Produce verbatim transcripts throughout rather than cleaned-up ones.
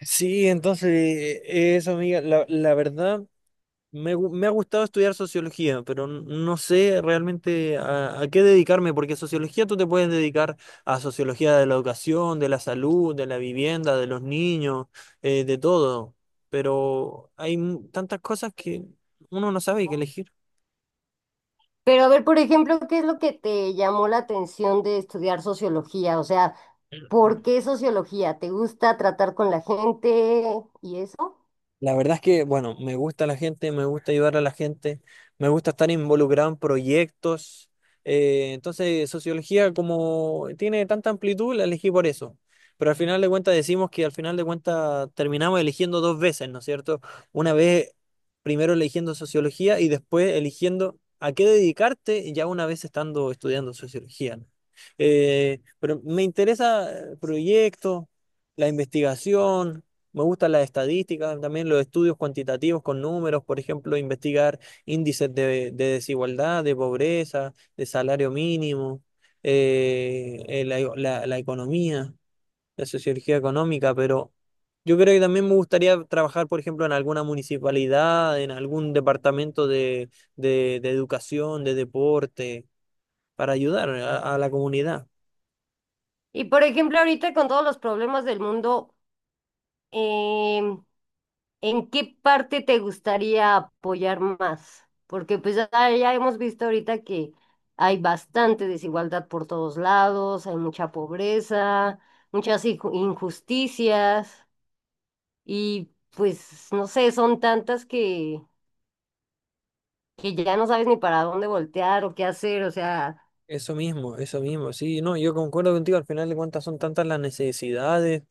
Sí, entonces, eh, eso, amiga, la, la verdad, me, gu- me ha gustado estudiar sociología, pero n- no sé realmente a, a qué dedicarme, porque sociología tú te puedes dedicar a sociología de la educación, de la salud, de la vivienda, de los niños, eh, de todo, pero hay mu- tantas cosas que uno no sabe qué elegir. Pero a ver, por ejemplo, ¿qué es lo que te llamó la atención de estudiar sociología? O sea, ¿por qué sociología? ¿Te gusta tratar con la gente y eso? La verdad es que, bueno, me gusta la gente, me gusta ayudar a la gente, me gusta estar involucrado en proyectos. Eh, entonces, sociología como tiene tanta amplitud, la elegí por eso. Pero al final de cuentas decimos que al final de cuentas terminamos eligiendo dos veces, ¿no es cierto? Una vez primero eligiendo sociología y después eligiendo a qué dedicarte ya una vez estando estudiando sociología, ¿no? Eh, pero me interesa eh, proyectos, la investigación. Me gustan las estadísticas, también los estudios cuantitativos con números, por ejemplo, investigar índices de, de desigualdad, de pobreza, de salario mínimo, eh, eh, la, la- la economía, la sociología económica, pero yo creo que también me gustaría trabajar, por ejemplo, en alguna municipalidad, en algún departamento de, de- de educación, de deporte, para ayudar a a la comunidad. Y por ejemplo, ahorita con todos los problemas del mundo, em, ¿en qué parte te gustaría apoyar más? Porque pues ya, ya hemos visto ahorita que hay bastante desigualdad por todos lados, hay mucha pobreza, muchas inju- injusticias y pues no sé, son tantas que que ya no sabes ni para dónde voltear o qué hacer, o sea, Eso mismo, eso mismo, sí, no, yo concuerdo contigo, al final de cuentas son tantas las necesidades,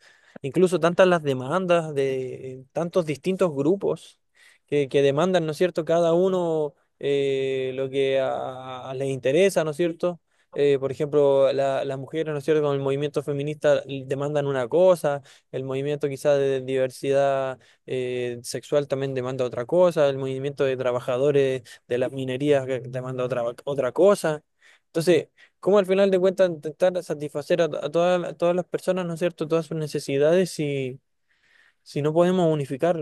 incluso tantas las demandas de tantos distintos grupos que, que demandan, ¿no es cierto?, cada uno eh, lo que a, a- les interesa, ¿no es cierto? Eh, por ejemplo, la- las mujeres, ¿no es cierto?, con el movimiento feminista demandan una cosa, el movimiento quizás de diversidad eh, sexual también demanda otra cosa, el movimiento de trabajadores de las minerías eh, demanda otra, otra cosa. Entonces, ¿cómo al final de cuentas intentar satisfacer a, a todas a todas las personas, ¿no es cierto?, todas sus necesidades si, si no podemos unificar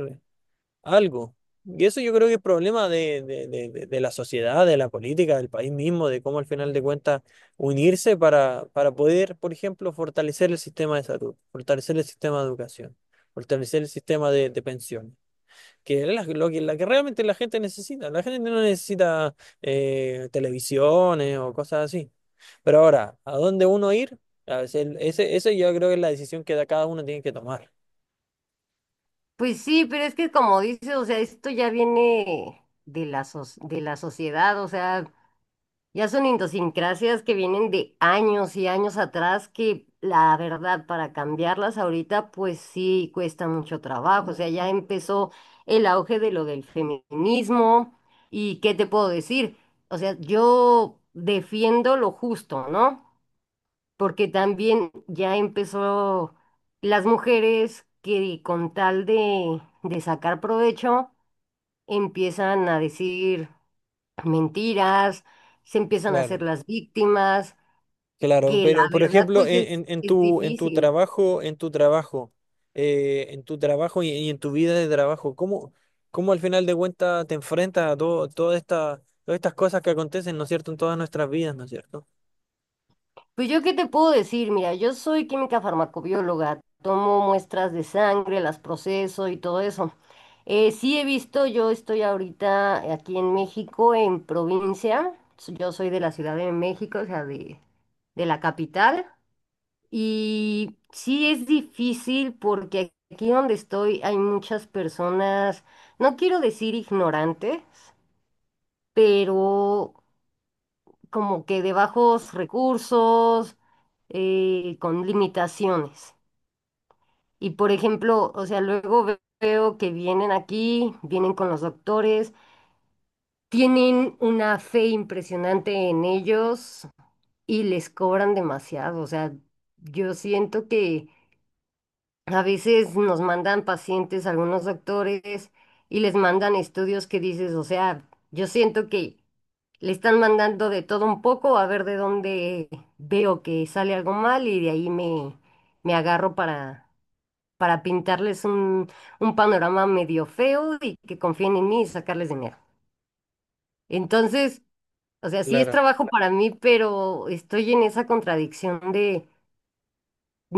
algo. Y eso yo creo que es problema de, de, de, de- de la sociedad, de la política, del país mismo, de cómo al final de cuentas unirse para, para poder, por ejemplo, fortalecer el sistema de salud, fortalecer el sistema de educación, fortalecer el sistema de, de pensiones, que es la- lo que, la que realmente la gente necesita. La gente no necesita eh, televisiones o cosas así. Pero ahora, ¿a dónde uno ir? A veces, el- ese, eso yo creo que es la decisión que da cada uno tiene que tomar. pues sí, pero es que como dices, o sea, esto ya viene de la, soc- de la sociedad, o sea, ya son idiosincrasias que vienen de años y años atrás que la verdad para cambiarlas ahorita pues sí cuesta mucho trabajo. O sea, ya empezó el auge de lo del feminismo y ¿qué te puedo decir? O sea, yo defiendo lo justo, ¿no? Porque también ya empezó las mujeres que con tal de, de sacar provecho empiezan a decir mentiras, se empiezan a Claro, hacer las víctimas, claro. que la Pero, por verdad ejemplo, pues en, es, en- en es tu, en tu difícil. trabajo, en tu trabajo, eh, en tu trabajo y, y en tu vida de trabajo, ¿cómo, cómo al final de cuentas te enfrentas a todo, toda esta, todas estas cosas que acontecen, ¿no es cierto?, en todas nuestras vidas, ¿no es cierto? Pues yo qué te puedo decir, mira, yo soy química farmacobióloga, tomo muestras de sangre, las proceso y todo eso. Eh, sí he visto, yo estoy ahorita aquí en México, en provincia, s- yo soy de la Ciudad de México, o sea, de, de la capital, y sí es difícil porque aquí donde estoy hay muchas personas, no quiero decir ignorantes, pero como que de bajos recursos, eh, con limitaciones. Y por ejemplo, o sea, luego ve- veo que vienen aquí, vienen con los doctores, tienen una fe impresionante en ellos y les cobran demasiado. O sea, yo siento que a veces nos mandan pacientes, algunos doctores, y les mandan estudios que dices, o sea, yo siento que... Le están mandando de todo un poco a ver de dónde veo que sale algo mal y de ahí me, me agarro para, para pintarles un, un panorama medio feo y que confíen en mí y sacarles dinero. Entonces, o sea, sí es Claro, trabajo para mí, pero estoy en esa contradicción de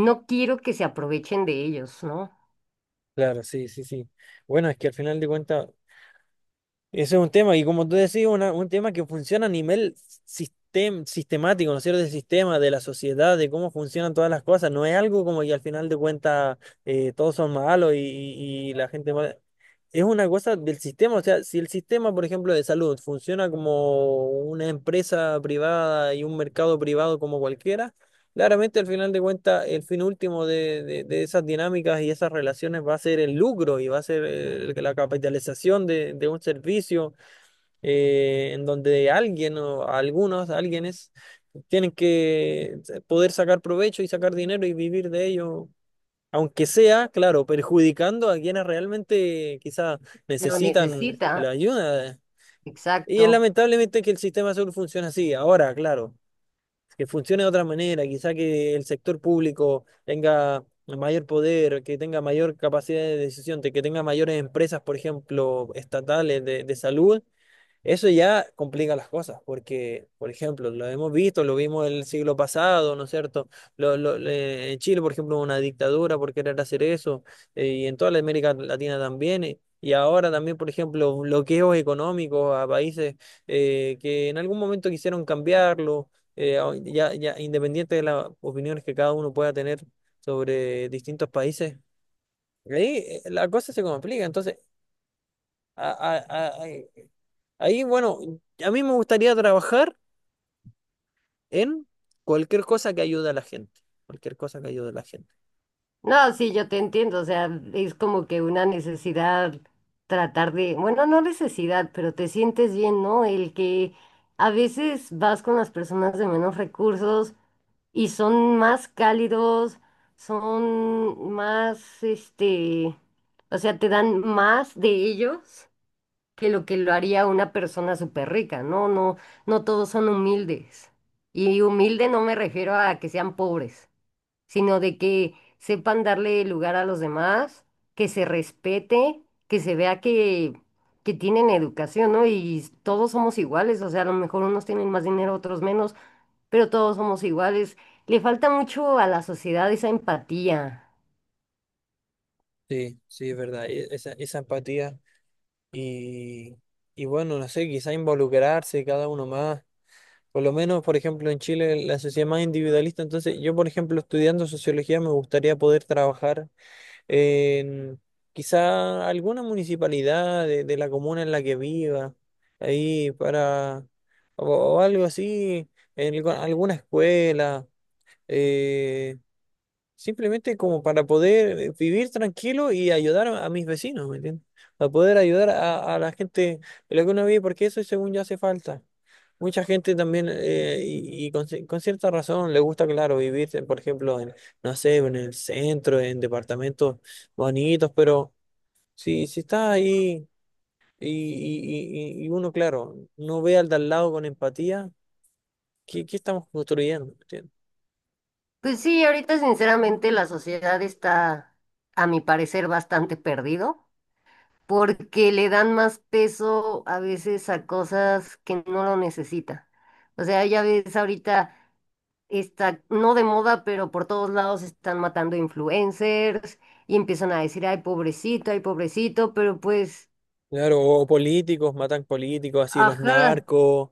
no quiero que se aprovechen de ellos, ¿no? claro, sí, sí, sí. Bueno, es que al final de cuentas. Ese es un tema, y como tú decís, una- un tema que funciona a nivel sistem- sistemático, ¿no es cierto? Del sistema, de la sociedad, de cómo funcionan todas las cosas. No es algo como que al final de cuentas eh, todos son malos y, y- y la gente mala. Es una cosa del sistema, o sea, si el sistema, por ejemplo, de salud funciona como una empresa privada y un mercado privado como cualquiera, claramente, al final de cuentas, el fin último de, de- de esas dinámicas y esas relaciones va a ser el lucro y va a ser eh, la capitalización de, de un servicio eh, en donde alguien o algunos, alguienes, tienen que poder sacar provecho y sacar dinero y vivir de ello, aunque sea, claro, perjudicando a quienes realmente quizás Lo necesitan necesita, la ayuda. Y es exacto. lamentablemente que el sistema de salud funciona así. Ahora, claro que funcione de otra manera, quizá que el sector público tenga mayor poder, que tenga mayor capacidad de decisión, de que tenga mayores empresas, por ejemplo, estatales de, de salud, eso ya complica las cosas, porque, por ejemplo, lo hemos visto, lo vimos el siglo pasado, ¿no es cierto? Lo- lo- le- en Chile, por ejemplo, hubo una dictadura por querer hacer eso, eh, y en toda la América Latina también, eh, y ahora también, por ejemplo, bloqueos económicos a países eh, que en algún momento quisieron cambiarlo, eh, a- ya, ya independiente de las opiniones que cada uno pueda tener sobre distintos países. Ahí eh, la cosa se complica, entonces... Ahí, bueno, a mí me gustaría trabajar en cualquier cosa que ayude a la gente. Cualquier cosa que ayude a la gente. No, sí, yo te entiendo, o sea, es como que una necesidad tratar de, bueno, no necesidad, pero te sientes bien, ¿no? El que a veces vas con las personas de menos recursos y son más cálidos, son más, este, o sea, te dan más de ellos que lo que lo haría una persona súper rica, ¿no? No, no todos son humildes. Y humilde no me refiero a que sean pobres sino de que sepan darle lugar a los demás, que se respete, que se vea que, que tienen educación, ¿no? Y todos somos iguales, o sea, a lo mejor unos tienen más dinero, otros menos, pero todos somos iguales. Le falta mucho a la sociedad esa empatía. Sí, sí, es verdad. e- Esa, esa empatía y, y bueno, no sé, quizá involucrarse cada uno más. Por lo menos, por ejemplo, en Chile la sociedad es más individualista. Entonces, yo, por ejemplo, estudiando sociología, me gustaría poder trabajar en quizá alguna municipalidad de, de la comuna en la que viva, ahí para, o, o algo así, en algu- alguna escuela, eh, simplemente como para poder eh, vivir tranquilo y ayudar a, a mis vecinos, ¿me entiendes? Para poder ayudar a, a la gente de la que uno vive, porque eso según ya hace falta. Mucha gente también, eh, y, y con, ci- con cierta razón, le gusta, claro, vivir, eh, por ejemplo, en, no sé, en el centro, en departamentos bonitos, pero si, si está ahí y, y, y, y uno, claro, no ve al de al lado con empatía, ¿qué, qué estamos construyendo? Pues sí, ahorita sinceramente la sociedad está, a mi parecer, bastante perdido, porque le dan más peso a veces a cosas que no lo necesita. O sea, ya ves ahorita está no de moda, pero por todos lados están matando influencers y empiezan a decir, ay, pobrecito, ay, pobrecito, pero pues, Claro, o políticos, matan políticos, así los ajá, narcos,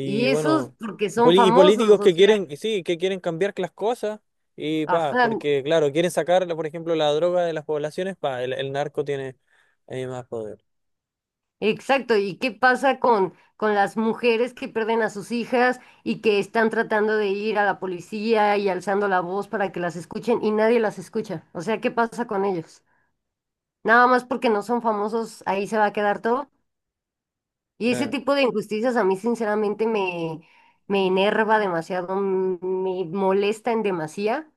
y esos bueno, porque son poli- y políticos famosos, o que sea, quieren, y sí, que quieren cambiar las cosas, y pa, ajá, porque claro, quieren sacar, por ejemplo, la droga de las poblaciones, pa, el, el narco tiene eh, más poder. exacto. ¿Y qué pasa con, con las mujeres que pierden a sus hijas y que están tratando de ir a la policía y alzando la voz para que las escuchen y nadie las escucha? O sea, ¿qué pasa con ellos? Nada más porque no son famosos, ahí se va a quedar todo. Y ese Claro. tipo de injusticias a mí sinceramente me, me enerva demasiado, mm, me molesta en demasía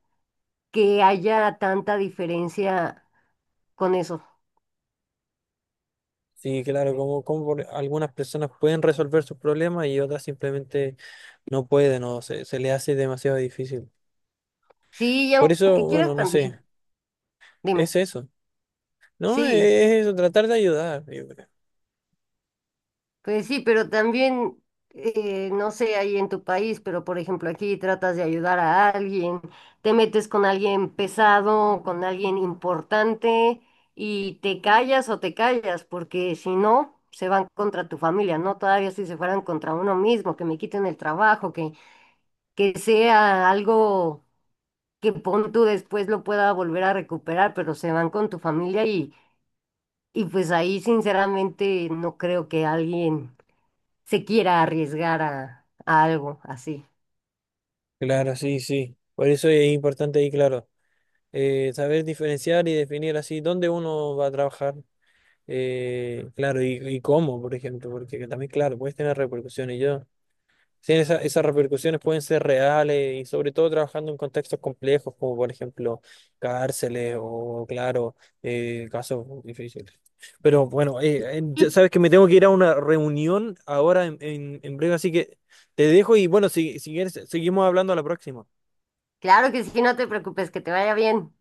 que haya tanta diferencia con eso. Sí, claro, como, como por- algunas personas pueden resolver sus problemas y otras simplemente no pueden o se, se les hace demasiado difícil. Sí, y Por eso, aunque bueno, quieras no sé, también, es dime, eso. No, es sí. eso, tratar de ayudar. Pues sí, pero también, eh, no sé, ahí en tu país, pero por ejemplo aquí tratas de ayudar a alguien, te metes con alguien pesado, con alguien importante y te callas o te callas, porque si no, se van contra tu familia, ¿no? Todavía si se fueran contra uno mismo, que me quiten el trabajo, que, que sea algo que pon tú después lo pueda volver a recuperar, pero se van con tu familia y, y pues ahí sinceramente no creo que alguien se quiera arriesgar a, a algo así. Claro, sí, sí. Por eso es importante ahí, claro, eh, saber diferenciar y definir así dónde uno va a trabajar, eh, claro, y, y cómo, por ejemplo, porque también, claro, puedes tener repercusiones. Yo, sí, esa- esas repercusiones pueden ser reales y sobre todo trabajando en contextos complejos, como por ejemplo cárceles o, claro, eh, casos difíciles. Pero bueno, eh, eh, ya Y sabes que me tengo que ir a una reunión ahora en, en, en breve, así que te dejo y bueno, si, si quieres, seguimos hablando a la próxima. claro que sí, no te preocupes, que te vaya bien.